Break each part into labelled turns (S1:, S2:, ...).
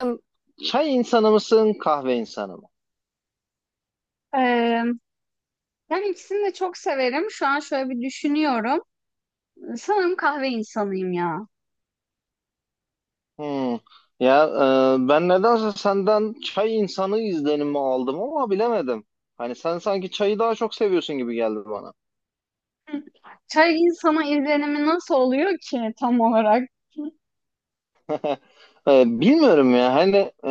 S1: Sen çay insanı mısın, kahve insanı mı?
S2: Ee, yani ikisini de çok severim. Şu an şöyle bir düşünüyorum. Sanırım kahve insanıyım ya.
S1: Hmm. Ya ben nedense senden çay insanı izlenimi aldım ama bilemedim. Hani sen sanki çayı daha çok seviyorsun gibi geldi bana.
S2: Hı. Çay insana izlenimi nasıl oluyor ki tam olarak?
S1: Bilmiyorum ya hani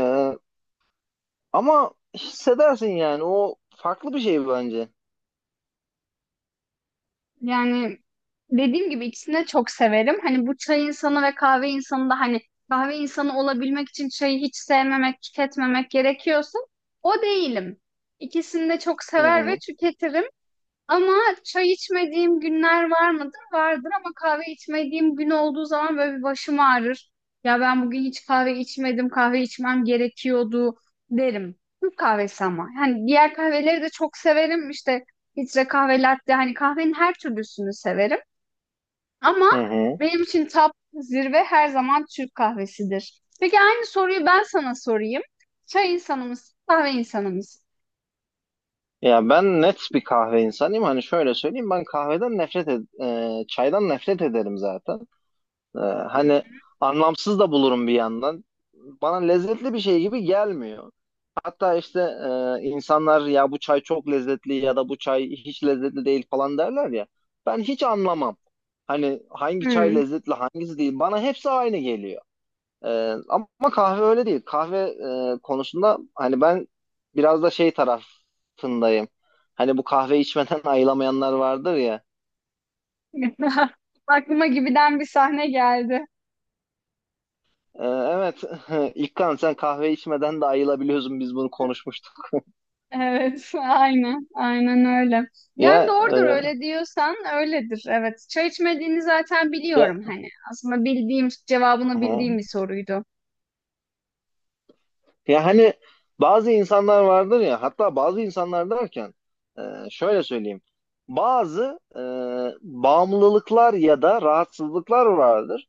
S1: ama hissedersin yani o farklı bir şey bence.
S2: Yani dediğim gibi ikisini de çok severim. Hani bu çay insanı ve kahve insanı da hani kahve insanı olabilmek için çayı hiç sevmemek, tüketmemek gerekiyorsa o değilim. İkisini de çok
S1: Hı
S2: sever ve
S1: hı.
S2: tüketirim. Ama çay içmediğim günler var mıdır? Vardır ama kahve içmediğim gün olduğu zaman böyle bir başım ağrır. Ya ben bugün hiç kahve içmedim, kahve içmem gerekiyordu derim. Türk kahvesi ama. Yani diğer kahveleri de çok severim. İşte filtre kahve, latte hani kahvenin her türlüsünü severim. Ama
S1: Hı hı.
S2: benim için top zirve her zaman Türk kahvesidir. Peki aynı soruyu ben sana sorayım. Çay insanımız, kahve insanımız.
S1: Ya ben net bir kahve insanıyım. Hani şöyle söyleyeyim, ben kahveden nefret çaydan nefret ederim zaten. Ee,
S2: Hı.
S1: Hani anlamsız da bulurum bir yandan. Bana lezzetli bir şey gibi gelmiyor. Hatta işte insanlar ya bu çay çok lezzetli ya da bu çay hiç lezzetli değil falan derler ya. Ben hiç anlamam. Hani hangi çay
S2: Hı.
S1: lezzetli hangisi değil. Bana hepsi aynı geliyor. Ama kahve öyle değil. Kahve konusunda hani ben biraz da şey tarafındayım. Hani bu kahve içmeden ayılamayanlar vardır ya.
S2: Aklıma gibiden bir sahne geldi.
S1: Evet, İlkan, sen kahve içmeden de ayılabiliyorsun. Biz bunu konuşmuştuk.
S2: Evet, aynen, aynen öyle. Yani
S1: Ya
S2: doğrudur
S1: e,
S2: öyle diyorsan öyledir. Evet, çay içmediğini zaten
S1: ya
S2: biliyorum hani. Aslında bildiğim, cevabını bildiğim
S1: hı.
S2: bir soruydu.
S1: Ya hani bazı insanlar vardır ya. Hatta bazı insanlar derken şöyle söyleyeyim. Bazı bağımlılıklar ya da rahatsızlıklar vardır.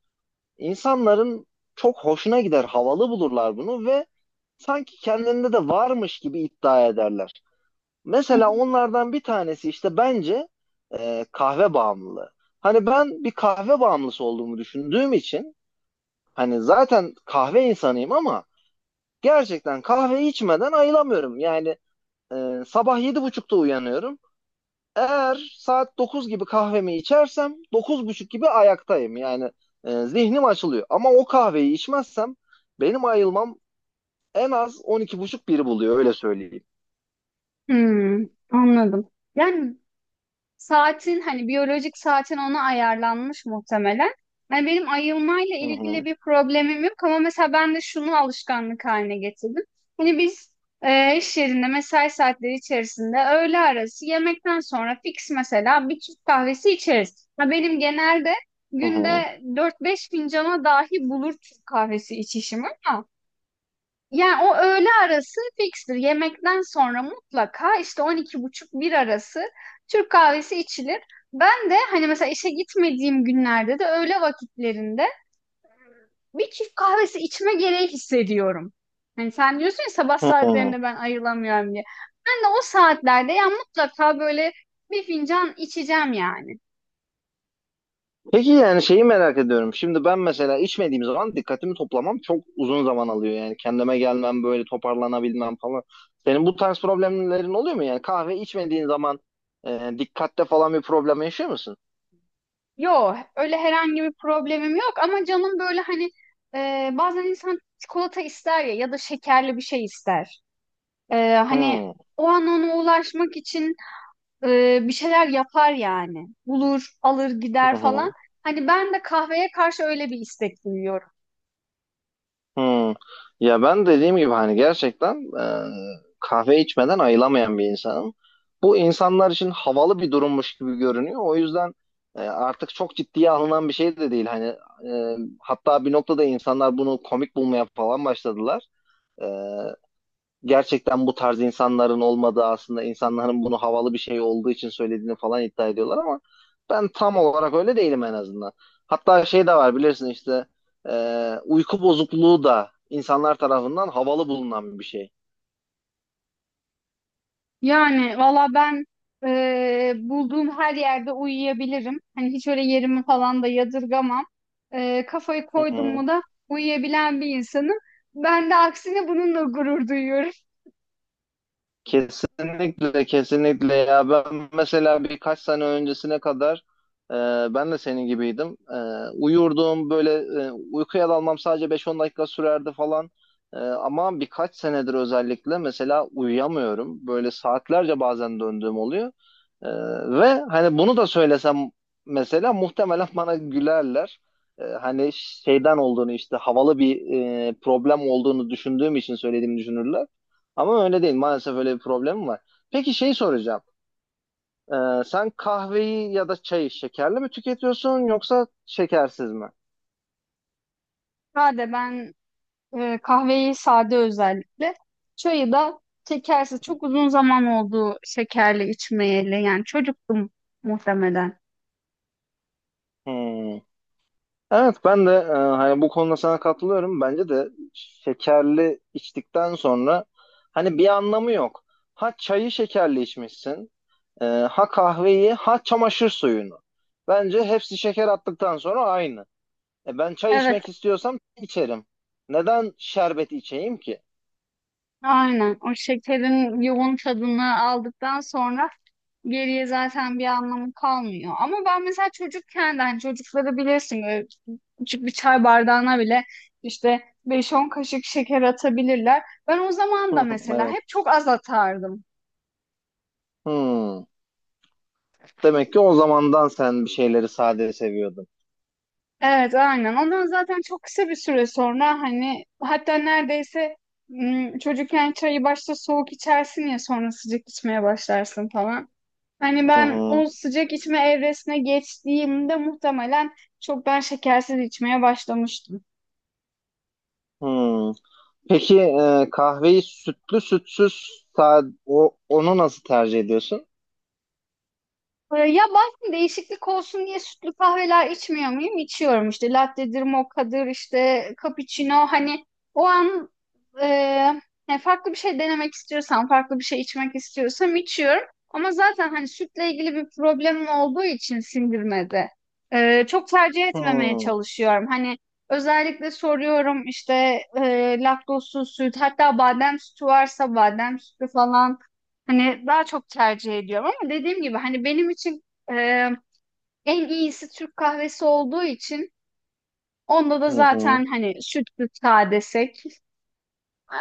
S1: İnsanların çok hoşuna gider, havalı bulurlar bunu ve sanki kendinde de varmış gibi iddia ederler.
S2: Hı
S1: Mesela
S2: hı.
S1: onlardan bir tanesi işte bence kahve bağımlılığı. Hani ben bir kahve bağımlısı olduğumu düşündüğüm için hani zaten kahve insanıyım ama gerçekten kahve içmeden ayılamıyorum. Yani sabah 7:30'da uyanıyorum. Eğer saat 9 gibi kahvemi içersem 9:30 gibi ayaktayım. Yani zihnim açılıyor. Ama o kahveyi içmezsem benim ayılmam en az 12:30 1'i buluyor, öyle söyleyeyim.
S2: Hmm, anladım. Yani saatin hani biyolojik saatin ona ayarlanmış muhtemelen. Hani benim ayılmayla
S1: Hı
S2: ilgili
S1: hı,
S2: bir problemim yok ama mesela ben de şunu alışkanlık haline getirdim. Hani biz iş yerinde mesai saatleri içerisinde öğle arası yemekten sonra fix mesela bir Türk kahvesi içeriz. Ha, benim genelde
S1: hı hı,
S2: günde dört beş fincana dahi bulur Türk kahvesi içişim ama yani o öğle arası fikstir. Yemekten sonra mutlaka işte 12:30 bir arası Türk kahvesi içilir. Ben de hani mesela işe gitmediğim günlerde de öğle vakitlerinde bir Türk kahvesi içme gereği hissediyorum. Hani sen diyorsun ya sabah
S1: hı hı.
S2: saatlerinde ben ayrılamıyorum diye. Ben de o saatlerde ya mutlaka böyle bir fincan içeceğim yani.
S1: Peki, yani şeyi merak ediyorum. Şimdi ben mesela içmediğim zaman dikkatimi toplamam çok uzun zaman alıyor. Yani kendime gelmem, böyle toparlanabilmem falan. Senin bu tarz problemlerin oluyor mu? Yani kahve içmediğin zaman dikkatte falan bir problem yaşıyor musun?
S2: Yok öyle herhangi bir problemim yok ama canım böyle hani bazen insan çikolata ister ya ya da şekerli bir şey ister. Hani
S1: Hmm.
S2: o an ona ulaşmak için bir şeyler yapar yani. Bulur, alır, gider falan. Hani ben de kahveye karşı öyle bir istek duyuyorum.
S1: Hmm. Ya ben dediğim gibi hani gerçekten kahve içmeden ayılamayan bir insanım. Bu insanlar için havalı bir durummuş gibi görünüyor. O yüzden artık çok ciddiye alınan bir şey de değil. Hani hatta bir noktada insanlar bunu komik bulmaya falan başladılar. E, Gerçekten bu tarz insanların olmadığı, aslında insanların bunu havalı bir şey olduğu için söylediğini falan iddia ediyorlar ama ben tam olarak öyle değilim en azından. Hatta şey de var, bilirsin işte, uyku bozukluğu da insanlar tarafından havalı bulunan bir şey.
S2: Yani valla ben bulduğum her yerde uyuyabilirim. Hani hiç öyle yerimi falan da yadırgamam. Kafayı
S1: Hı
S2: koydum
S1: hı.
S2: mu da uyuyabilen bir insanım. Ben de aksine bununla gurur duyuyorum.
S1: Kesinlikle, kesinlikle. Ya ben mesela birkaç sene öncesine kadar e, ben de senin gibiydim. Uyurdum böyle, uykuya dalmam sadece beş on dakika sürerdi falan. Ama birkaç senedir özellikle mesela uyuyamıyorum. Böyle saatlerce bazen döndüğüm oluyor. Ee, Ve hani bunu da söylesem mesela muhtemelen bana gülerler. Hani şeyden olduğunu, işte havalı bir problem olduğunu düşündüğüm için söylediğimi düşünürler. Ama öyle değil. Maalesef öyle bir problemim var. Peki, şey soracağım. Sen kahveyi ya da çayı şekerli mi tüketiyorsun, yoksa şekersiz mi?
S2: Hadi ben kahveyi sade özellikle. Çayı da şekersiz. Çok uzun zaman oldu şekerli içmeyeli. Yani çocuktum muhtemelen.
S1: Hmm. Evet, ben de hani bu konuda sana katılıyorum. Bence de şekerli içtikten sonra hani bir anlamı yok. Ha çayı şekerli içmişsin. Ee, ha kahveyi, ha çamaşır suyunu. Bence hepsi şeker attıktan sonra aynı. Ben çay
S2: Evet,
S1: içmek istiyorsam çay içerim. Neden şerbet içeyim ki?
S2: aynen. O şekerin yoğun tadını aldıktan sonra geriye zaten bir anlamı kalmıyor. Ama ben mesela çocukken de hani çocukları bilirsin böyle küçük bir çay bardağına bile işte beş on kaşık şeker atabilirler. Ben o zaman da mesela
S1: Evet.
S2: hep çok az atardım.
S1: Hmm. Demek ki o zamandan sen bir şeyleri sade seviyordun.
S2: Evet, aynen. Ondan zaten çok kısa bir süre sonra hani hatta neredeyse çocukken çayı başta soğuk içersin ya sonra sıcak içmeye başlarsın falan. Hani
S1: Hı
S2: ben
S1: hı.
S2: o sıcak içme evresine geçtiğimde muhtemelen çoktan şekersiz içmeye başlamıştım.
S1: Hmm. Peki, kahveyi sütlü, sütsüz, sade, onu nasıl tercih ediyorsun?
S2: Ya bazen değişiklik olsun diye sütlü kahveler içmiyor muyum? İçiyorum işte latte'dir, mokka'dır, işte cappuccino hani o an e, yani farklı bir şey denemek istiyorsam, farklı bir şey içmek istiyorsam içiyorum. Ama zaten hani sütle ilgili bir problemim olduğu için sindirmede çok tercih etmemeye
S1: Hmm.
S2: çalışıyorum. Hani özellikle soruyorum işte laktozsuz süt hatta badem sütü varsa badem sütü falan. Hani daha çok tercih ediyorum ama dediğim gibi hani benim için e, en iyisi Türk kahvesi olduğu için onda da
S1: Hı hı.
S2: zaten hani sütlü sade desek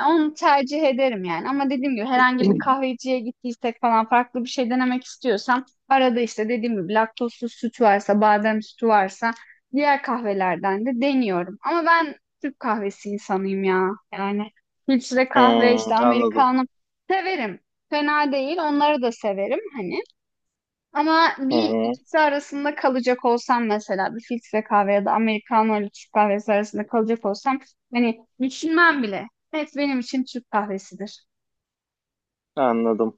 S2: onu tercih ederim yani. Ama dediğim gibi herhangi bir kahveciye gittiysek falan farklı bir şey denemek istiyorsam arada işte dediğim gibi laktozsuz süt varsa, badem sütü varsa diğer kahvelerden de deniyorum. Ama ben Türk kahvesi insanıyım ya. Yani filtre kahve
S1: Hmm,
S2: işte
S1: anladım.
S2: Amerikanım severim. Fena değil. Onları da severim hani. Ama
S1: Hı
S2: bir
S1: hı.
S2: ikisi arasında kalacak olsam mesela bir filtre kahve ya da americano ile Türk kahvesi arasında kalacak olsam hani düşünmem bile. Evet benim için Türk kahvesidir.
S1: Anladım.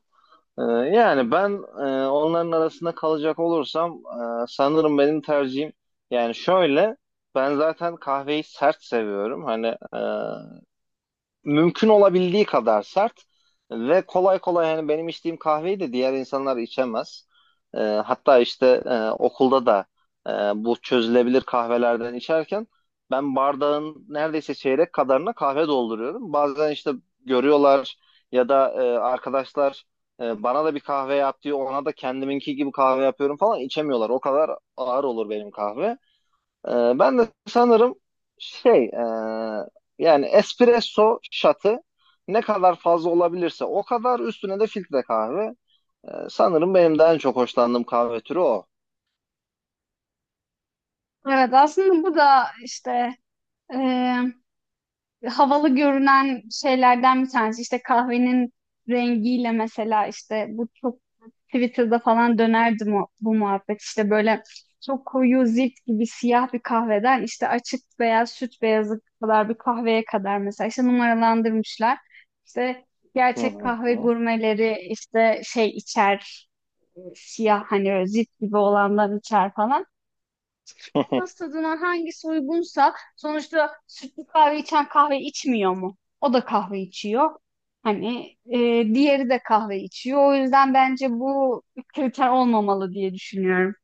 S1: Ee, Yani ben onların arasında kalacak olursam sanırım benim tercihim, yani şöyle, ben zaten kahveyi sert seviyorum. Hani e, mümkün olabildiği kadar sert ve kolay kolay yani benim içtiğim kahveyi de diğer insanlar içemez. Ee, Hatta işte okulda da e, bu çözülebilir kahvelerden içerken ben bardağın neredeyse çeyrek kadarına kahve dolduruyorum. Bazen işte görüyorlar, ya da arkadaşlar bana da bir kahve yap diyor, ona da kendiminki gibi kahve yapıyorum, falan, içemiyorlar. O kadar ağır olur benim kahve. Ben de sanırım şey, yani espresso şatı ne kadar fazla olabilirse, o kadar üstüne de filtre kahve. Sanırım benim de en çok hoşlandığım kahve türü o.
S2: Evet, aslında bu da işte e, havalı görünen şeylerden bir tanesi. İşte kahvenin rengiyle mesela işte bu çok Twitter'da falan dönerdi bu muhabbet. İşte böyle çok koyu zift gibi siyah bir kahveden işte açık beyaz süt beyazı kadar bir kahveye kadar mesela işte numaralandırmışlar. İşte
S1: Hı
S2: gerçek
S1: hı.
S2: kahve gurmeleri işte şey içer, siyah hani öyle zift gibi olandan içer falan. Nasıl tadına hangisi uygunsa sonuçta sütlü kahve içen kahve içmiyor mu? O da kahve içiyor. Hani diğeri de kahve içiyor. O yüzden bence bu kriter olmamalı diye düşünüyorum.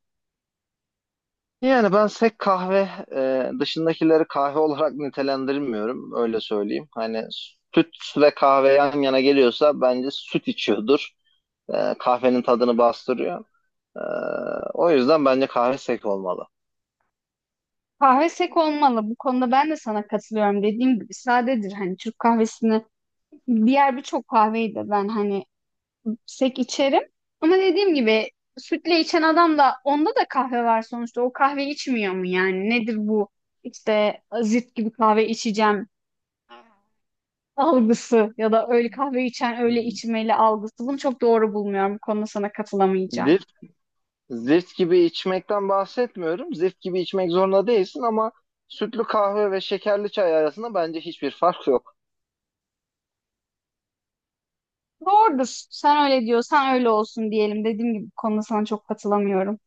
S1: Yani ben sek kahve dışındakileri kahve olarak nitelendirmiyorum, öyle söyleyeyim. Hani süt ve kahve yan yana geliyorsa bence süt içiyordur. Kahvenin tadını bastırıyor. E, O yüzden bence kahve sek olmalı.
S2: Kahve sek olmalı. Bu konuda ben de sana katılıyorum. Dediğim gibi sadedir. Hani Türk kahvesini diğer birçok kahveyi de ben hani sek içerim. Ama dediğim gibi sütle içen adam da onda da kahve var sonuçta. O kahve içmiyor mu yani? Nedir bu işte zift gibi kahve içeceğim algısı ya da öyle kahve içen öyle içmeli algısı. Bunu çok doğru bulmuyorum. Bu konuda sana katılamayacağım.
S1: Zift gibi içmekten bahsetmiyorum. Zift gibi içmek zorunda değilsin ama sütlü kahve ve şekerli çay arasında bence hiçbir fark yok.
S2: Doğrudur. Sen öyle diyorsan öyle olsun diyelim. Dediğim gibi bu konuda sana çok katılamıyorum.